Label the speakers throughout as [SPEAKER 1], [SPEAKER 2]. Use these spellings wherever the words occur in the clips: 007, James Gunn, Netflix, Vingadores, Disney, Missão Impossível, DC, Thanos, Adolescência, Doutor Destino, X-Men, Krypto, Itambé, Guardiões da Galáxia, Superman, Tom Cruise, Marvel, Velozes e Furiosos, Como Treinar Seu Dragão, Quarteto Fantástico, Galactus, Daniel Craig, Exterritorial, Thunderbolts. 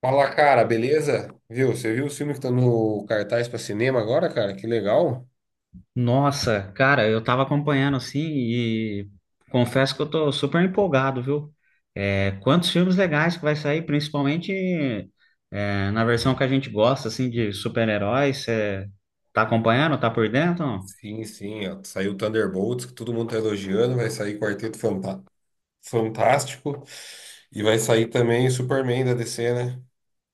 [SPEAKER 1] Fala, cara, beleza? Viu? Você viu os filmes que estão no cartaz para cinema agora, cara? Que legal.
[SPEAKER 2] Nossa, cara, eu tava acompanhando assim e confesso que eu tô super empolgado, viu? É, quantos filmes legais que vai sair, principalmente na versão que a gente gosta, assim, de super-heróis. Você tá acompanhando? Tá por dentro?
[SPEAKER 1] Sim, sim. Ó, saiu Thunderbolts, que todo mundo tá elogiando. Vai sair Fantástico. E vai sair também Superman da DC, né?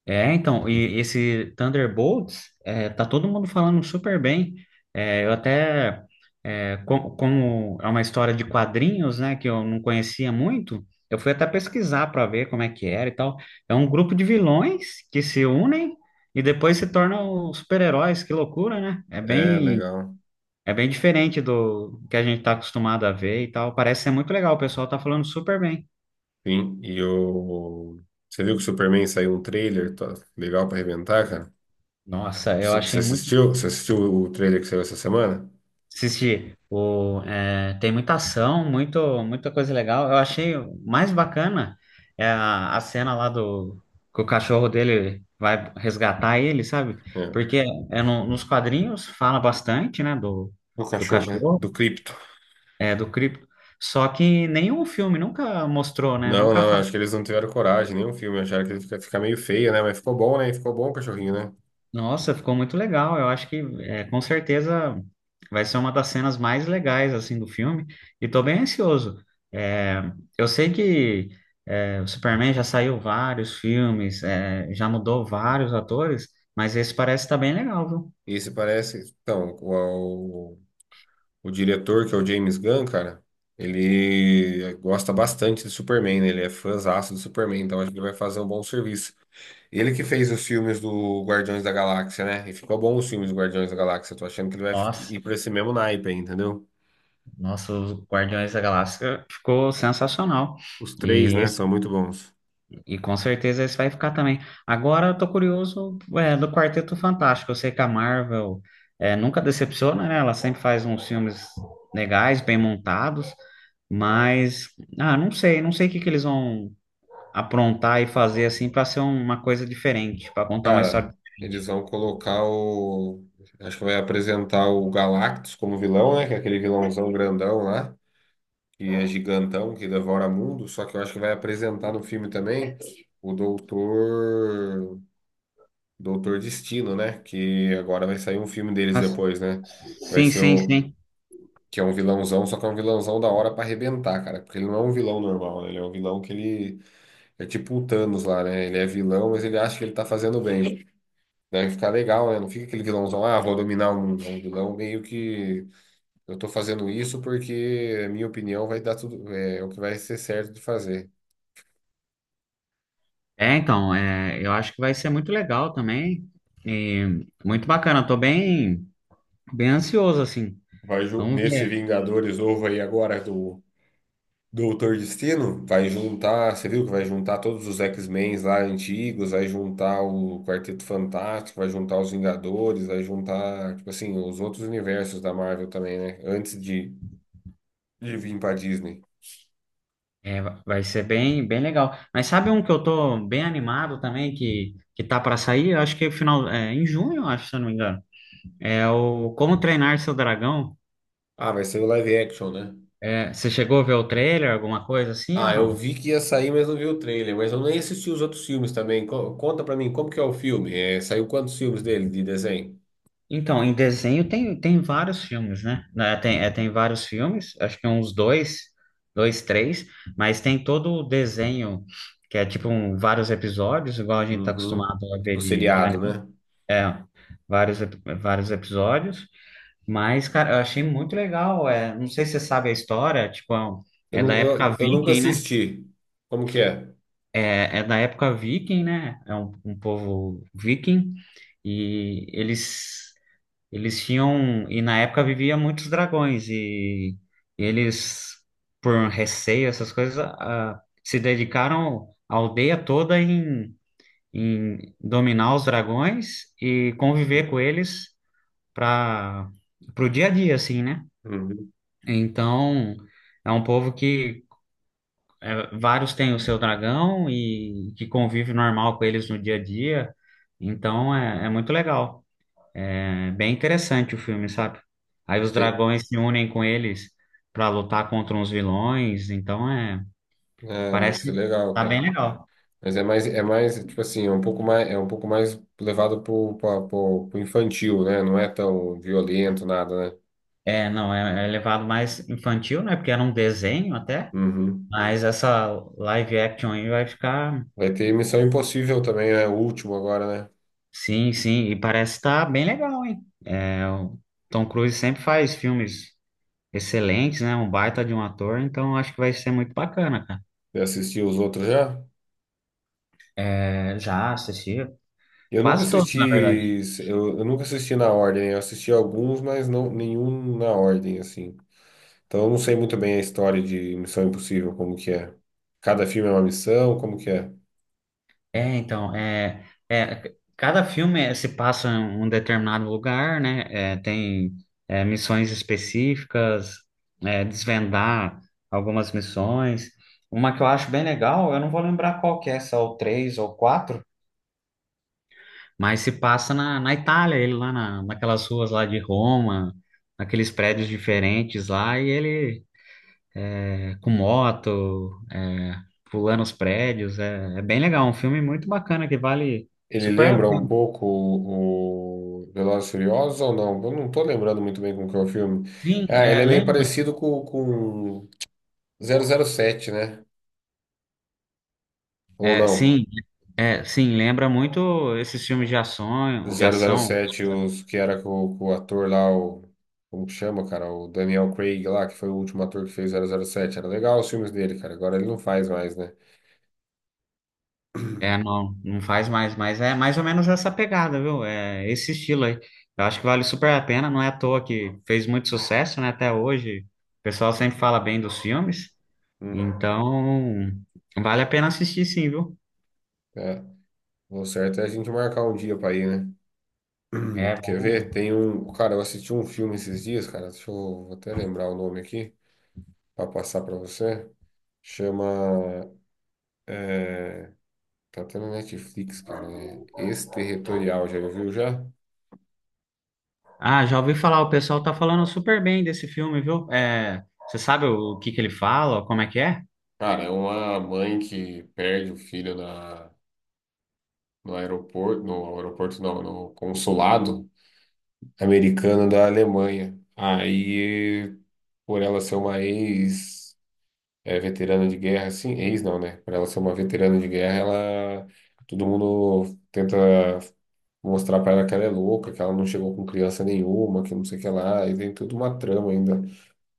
[SPEAKER 2] E esse Thunderbolts, tá todo mundo falando super bem. Eu até como é uma história de quadrinhos, né, que eu não conhecia muito, eu fui até pesquisar para ver como é que era e tal. É um grupo de vilões que se unem e depois se tornam super-heróis, que loucura, né? É
[SPEAKER 1] É,
[SPEAKER 2] bem,
[SPEAKER 1] legal.
[SPEAKER 2] é bem diferente do que a gente tá acostumado a ver e tal. Parece ser muito legal, o pessoal tá falando super bem.
[SPEAKER 1] Sim. E o. Você viu que o Superman saiu um trailer? Tá legal para arrebentar, cara.
[SPEAKER 2] Nossa, eu
[SPEAKER 1] Você
[SPEAKER 2] achei muito.
[SPEAKER 1] assistiu? Você assistiu o trailer que saiu essa semana?
[SPEAKER 2] Assisti. Tem muita ação, muita coisa legal. Eu achei o mais bacana é a cena lá do que o cachorro dele vai resgatar ele, sabe?
[SPEAKER 1] É.
[SPEAKER 2] Porque nos quadrinhos fala bastante, né,
[SPEAKER 1] Do
[SPEAKER 2] do
[SPEAKER 1] cachorro, né?
[SPEAKER 2] cachorro,
[SPEAKER 1] Do Krypto.
[SPEAKER 2] do cripto. Só que nenhum filme nunca mostrou, né?
[SPEAKER 1] Não,
[SPEAKER 2] Nunca.
[SPEAKER 1] não, acho que eles não tiveram coragem, nenhum filme, acharam que ele fica meio feio, né? Mas ficou bom, né? Ficou bom o cachorrinho, né?
[SPEAKER 2] Nossa, ficou muito legal. Eu acho que é, com certeza vai ser uma das cenas mais legais assim do filme. E tô bem ansioso. É, eu sei que o Superman já saiu vários filmes, já mudou vários atores, mas esse parece estar bem legal, viu?
[SPEAKER 1] E se parece, então, o diretor, que é o James Gunn, cara, ele gosta bastante do Superman, né? Ele é fãzaço do Superman, então acho que ele vai fazer um bom serviço. Ele que fez os filmes do Guardiões da Galáxia, né? E ficou bom os filmes do Guardiões da Galáxia, tô achando que ele vai
[SPEAKER 2] Nossa,
[SPEAKER 1] ir por esse mesmo naipe aí, entendeu?
[SPEAKER 2] nossa, os Guardiões da Galáxia ficou sensacional.
[SPEAKER 1] Os três,
[SPEAKER 2] E
[SPEAKER 1] né, são muito bons.
[SPEAKER 2] E com certeza esse vai ficar também. Agora eu tô curioso, do Quarteto Fantástico. Eu sei que a Marvel nunca decepciona, né? Ela sempre faz uns filmes legais, bem montados, mas ah, não sei, não sei o que que eles vão aprontar e fazer assim para ser uma coisa diferente, para contar uma história
[SPEAKER 1] Cara, eles
[SPEAKER 2] diferente.
[SPEAKER 1] vão colocar o. Acho que vai apresentar o Galactus como vilão, né? Que é aquele vilãozão grandão lá, que é gigantão, que devora mundo. Só que eu acho que vai apresentar no filme também o Doutor. Doutor Destino, né? Que agora vai sair um filme deles
[SPEAKER 2] Mas,
[SPEAKER 1] depois, né? Vai
[SPEAKER 2] sim,
[SPEAKER 1] ser
[SPEAKER 2] sim,
[SPEAKER 1] o.
[SPEAKER 2] sim.
[SPEAKER 1] Que é um vilãozão, só que é um vilãozão da hora pra arrebentar, cara. Porque ele não é um vilão normal, né? Ele é um vilão que ele. É tipo o Thanos lá, né? Ele é vilão, mas ele acha que ele tá fazendo bem. Deve ficar legal, né? Não fica aquele vilãozão, ah, vou dominar um vilão, meio que eu tô fazendo isso porque, a minha opinião, vai dar tudo, o que vai ser certo de fazer.
[SPEAKER 2] É, então, é, eu acho que vai ser muito legal também. E muito bacana, bem ansioso assim. Vamos
[SPEAKER 1] Nesse
[SPEAKER 2] ver.
[SPEAKER 1] Vingadores novo aí agora do Doutor Destino, vai juntar, você viu que vai juntar todos os X-Men lá antigos, vai juntar o Quarteto Fantástico, vai juntar os Vingadores, vai juntar, tipo assim, os outros universos da Marvel também, né? Antes de vir pra Disney.
[SPEAKER 2] É, vai ser bem legal. Mas sabe um que eu tô bem animado também, que tá para sair? Eu acho que é final, em junho, eu acho, se eu não me engano. É o Como Treinar Seu Dragão.
[SPEAKER 1] Ah, vai ser o live action, né?
[SPEAKER 2] É, você chegou a ver o trailer, alguma coisa assim
[SPEAKER 1] Ah,
[SPEAKER 2] ou
[SPEAKER 1] eu
[SPEAKER 2] não?
[SPEAKER 1] vi que ia sair, mas não vi o trailer. Mas eu nem assisti os outros filmes também. Conta pra mim, como que é o filme? É, saiu quantos filmes dele de desenho?
[SPEAKER 2] Então, em desenho tem, tem vários filmes, né? Né, tem, tem vários filmes, acho que uns dois, dois, três, mas tem todo o desenho, que é tipo vários episódios, igual a gente tá
[SPEAKER 1] Uhum.
[SPEAKER 2] acostumado a ver
[SPEAKER 1] Tipo
[SPEAKER 2] de
[SPEAKER 1] seriado,
[SPEAKER 2] anime.
[SPEAKER 1] né?
[SPEAKER 2] É, vários, ep- vários episódios. Mas, cara, eu achei muito legal. É, não sei se você sabe a história, tipo,
[SPEAKER 1] Eu,
[SPEAKER 2] é da
[SPEAKER 1] não,
[SPEAKER 2] época
[SPEAKER 1] eu, eu nunca
[SPEAKER 2] viking, né?
[SPEAKER 1] assisti. Como que é?
[SPEAKER 2] É, é da época viking, né? É um povo viking e eles tinham e na época vivia muitos dragões e, eles por receio essas coisas ah, se dedicaram a aldeia toda em dominar os dragões e
[SPEAKER 1] Uhum.
[SPEAKER 2] conviver com eles para pro dia a dia, assim, né?
[SPEAKER 1] Uhum.
[SPEAKER 2] Então, é um povo que vários têm o seu dragão e que convive normal com eles no dia a dia. Então, é muito legal. É bem interessante o filme, sabe? Aí os
[SPEAKER 1] Tem-
[SPEAKER 2] dragões se unem com eles para lutar contra uns vilões. Então, é,
[SPEAKER 1] Ah, deve ser
[SPEAKER 2] parece
[SPEAKER 1] legal,
[SPEAKER 2] tá bem
[SPEAKER 1] cara.
[SPEAKER 2] legal.
[SPEAKER 1] Mas é mais, tipo assim, é um pouco mais, é um pouco mais levado pro infantil, né? Não é tão violento, nada, né?
[SPEAKER 2] É, não, é levado mais infantil, né? Porque era um desenho até.
[SPEAKER 1] Uhum.
[SPEAKER 2] Mas essa live action aí vai ficar.
[SPEAKER 1] Vai ter Missão Impossível também, né? O último agora, né?
[SPEAKER 2] Sim, sim, e parece estar bem legal, hein? É, o Tom Cruise sempre faz filmes excelentes, né? Um baita de um ator, então acho que vai ser muito bacana, cara.
[SPEAKER 1] Você assistiu os outros já?
[SPEAKER 2] É, já assisti
[SPEAKER 1] Eu nunca
[SPEAKER 2] quase todos,
[SPEAKER 1] assisti,
[SPEAKER 2] na verdade.
[SPEAKER 1] eu nunca assisti na ordem. Eu assisti alguns, mas não nenhum na ordem assim. Então eu não sei muito bem a história de Missão Impossível, como que é. Cada filme é uma missão, como que é?
[SPEAKER 2] É, então, é, Cada filme é, se passa em um determinado lugar, né? Tem missões específicas, desvendar algumas missões. Uma que eu acho bem legal, eu não vou lembrar qual que é, se é o 3 ou quatro. Mas se passa na Itália, ele lá naquelas ruas lá de Roma, naqueles prédios diferentes lá, e ele com moto, pulando os prédios, é bem legal, um filme muito bacana que vale
[SPEAKER 1] Ele
[SPEAKER 2] super a
[SPEAKER 1] lembra um
[SPEAKER 2] pena.
[SPEAKER 1] pouco o Velozes e Furiosos ou não? Eu não tô lembrando muito bem como que é o filme.
[SPEAKER 2] Sim,
[SPEAKER 1] Ah, ele
[SPEAKER 2] é,
[SPEAKER 1] é meio
[SPEAKER 2] lembra?
[SPEAKER 1] parecido com zero zero sete, né? Ou
[SPEAKER 2] É,
[SPEAKER 1] não?
[SPEAKER 2] sim, é, sim, lembra muito esses filmes de
[SPEAKER 1] Do
[SPEAKER 2] ação, de ação.
[SPEAKER 1] 007, os, que era com o ator lá, o, como que chama, cara? O Daniel Craig lá, que foi o último ator que fez 007. Era legal os filmes dele, cara. Agora ele não faz mais, né?
[SPEAKER 2] É, não, não faz mais, mas é mais ou menos essa pegada, viu? É esse estilo aí. Eu acho que vale super a pena, não é à toa que fez muito sucesso, né? Até hoje, o pessoal sempre fala bem dos filmes,
[SPEAKER 1] Hum.
[SPEAKER 2] então vale a pena assistir sim, viu?
[SPEAKER 1] É, o certo é a gente marcar um dia pra ir, né?
[SPEAKER 2] É.
[SPEAKER 1] Quer ver? Tem um. Cara, eu assisti um filme esses dias, cara. Deixa eu vou até lembrar o nome aqui, pra passar pra você. Chama. É, tá até na Netflix, cara. É Exterritorial, já viu já?
[SPEAKER 2] Ah, já ouvi falar, o pessoal tá falando super bem desse filme, viu? É, você sabe o que que ele fala, como é que é?
[SPEAKER 1] Cara, é uma mãe que perde o filho na, no aeroporto, no aeroporto não, no consulado americano da Alemanha. Aí, por ela ser uma ex, veterana de guerra, assim, ex não, né? Por ela ser uma veterana de guerra, ela, todo mundo tenta mostrar pra ela que ela é louca, que ela não chegou com criança nenhuma, que não sei o que lá, e tem toda uma trama ainda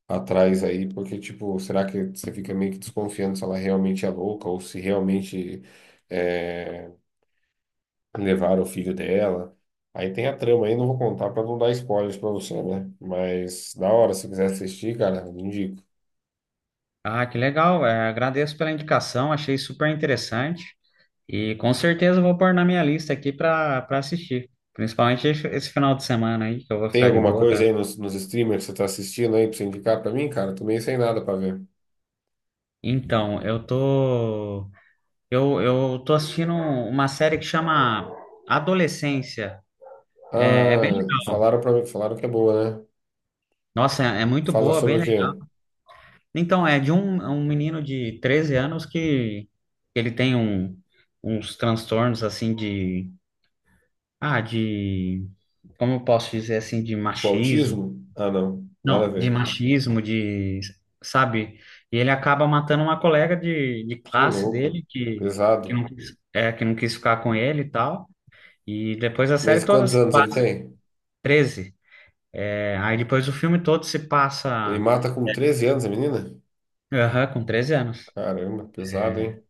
[SPEAKER 1] atrás aí, porque, tipo, será que você fica meio que desconfiando se ela realmente é louca ou se realmente é, levaram o filho dela? Aí tem a trama aí, não vou contar pra não dar spoilers pra você, né? Mas da hora, se quiser assistir, cara, eu indico.
[SPEAKER 2] Ah, que legal, é, agradeço pela indicação, achei super interessante. E com certeza eu vou pôr na minha lista aqui para assistir. Principalmente esse final de semana aí, que eu vou
[SPEAKER 1] Tem
[SPEAKER 2] ficar de
[SPEAKER 1] alguma
[SPEAKER 2] boa. Tran-.
[SPEAKER 1] coisa aí nos streamers que você tá assistindo aí pra você indicar pra mim, cara? Tô meio sem nada pra ver.
[SPEAKER 2] Então, eu tô. Eu tô assistindo uma série que chama Adolescência. É, é bem
[SPEAKER 1] Ah,
[SPEAKER 2] legal.
[SPEAKER 1] falaram pra mim, falaram que é boa, né?
[SPEAKER 2] Nossa, é muito
[SPEAKER 1] Fala
[SPEAKER 2] boa,
[SPEAKER 1] sobre
[SPEAKER 2] bem
[SPEAKER 1] o quê?
[SPEAKER 2] legal. Então, é de um menino de 13 anos que ele tem um, uns transtornos assim de. Ah, de. Como eu posso dizer assim, de
[SPEAKER 1] O
[SPEAKER 2] machismo.
[SPEAKER 1] autismo? Ah, não, nada a
[SPEAKER 2] Não, de
[SPEAKER 1] ver.
[SPEAKER 2] machismo, de, sabe? E ele acaba matando uma colega de
[SPEAKER 1] Ô,
[SPEAKER 2] classe
[SPEAKER 1] louco,
[SPEAKER 2] dele que,
[SPEAKER 1] pesado.
[SPEAKER 2] que não quis ficar com ele e tal. E depois a série
[SPEAKER 1] Mas
[SPEAKER 2] toda
[SPEAKER 1] quantos
[SPEAKER 2] se
[SPEAKER 1] anos ele
[SPEAKER 2] passa.
[SPEAKER 1] tem?
[SPEAKER 2] 13. É, aí depois o filme todo se
[SPEAKER 1] Ele
[SPEAKER 2] passa
[SPEAKER 1] mata com 13 anos a menina?
[SPEAKER 2] aham, com 13 anos.
[SPEAKER 1] Caramba, pesado, hein?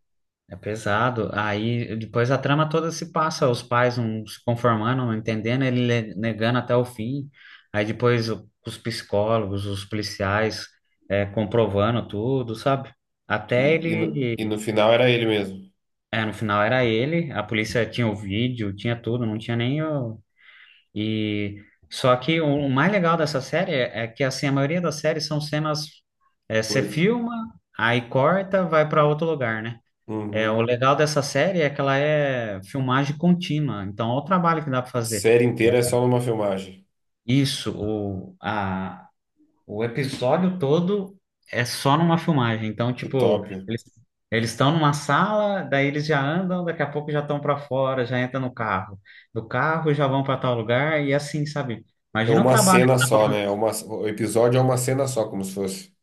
[SPEAKER 2] É pesado. Aí depois a trama toda se passa, os pais não se conformando, não entendendo, negando até o fim. Aí depois os psicólogos, os policiais, comprovando tudo, sabe?
[SPEAKER 1] E,
[SPEAKER 2] Até
[SPEAKER 1] e
[SPEAKER 2] ele.
[SPEAKER 1] no final era ele mesmo.
[SPEAKER 2] É, no final era ele, a polícia tinha o vídeo, tinha tudo, não tinha nem o... E... Só que o mais legal dessa série é que, assim, a maioria das séries são cenas... É,
[SPEAKER 1] Por...
[SPEAKER 2] você filma, aí corta, vai para outro lugar, né? É, o
[SPEAKER 1] Uhum.
[SPEAKER 2] legal dessa série é que ela é filmagem contínua, então olha o trabalho que dá para
[SPEAKER 1] A
[SPEAKER 2] fazer.
[SPEAKER 1] série inteira é só numa filmagem.
[SPEAKER 2] Isso, o episódio todo é só numa filmagem. Então,
[SPEAKER 1] Que
[SPEAKER 2] tipo,
[SPEAKER 1] top.
[SPEAKER 2] eles estão numa sala, daí eles já andam, daqui a pouco já estão para fora, já entram no carro. Do carro já vão para tal lugar e assim, sabe?
[SPEAKER 1] É
[SPEAKER 2] Imagina o
[SPEAKER 1] uma
[SPEAKER 2] trabalho.
[SPEAKER 1] cena só, né? É uma, o episódio é uma cena só, como se fosse.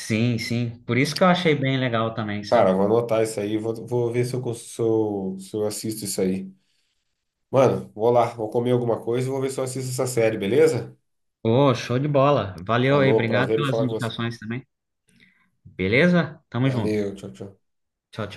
[SPEAKER 2] Sim, sim. Por isso que eu achei bem legal também,
[SPEAKER 1] Cara,
[SPEAKER 2] sabe?
[SPEAKER 1] vou anotar isso aí, vou ver se eu, se eu assisto isso aí. Mano, vou lá, vou comer alguma coisa e vou ver se eu assisto essa série, beleza?
[SPEAKER 2] Ô, show de bola. Valeu aí,
[SPEAKER 1] Falou,
[SPEAKER 2] obrigado
[SPEAKER 1] prazer em
[SPEAKER 2] pelas
[SPEAKER 1] falar com você.
[SPEAKER 2] indicações também. Beleza? Tamo junto.
[SPEAKER 1] Valeu, tchau, tchau.
[SPEAKER 2] Tchau, tchau.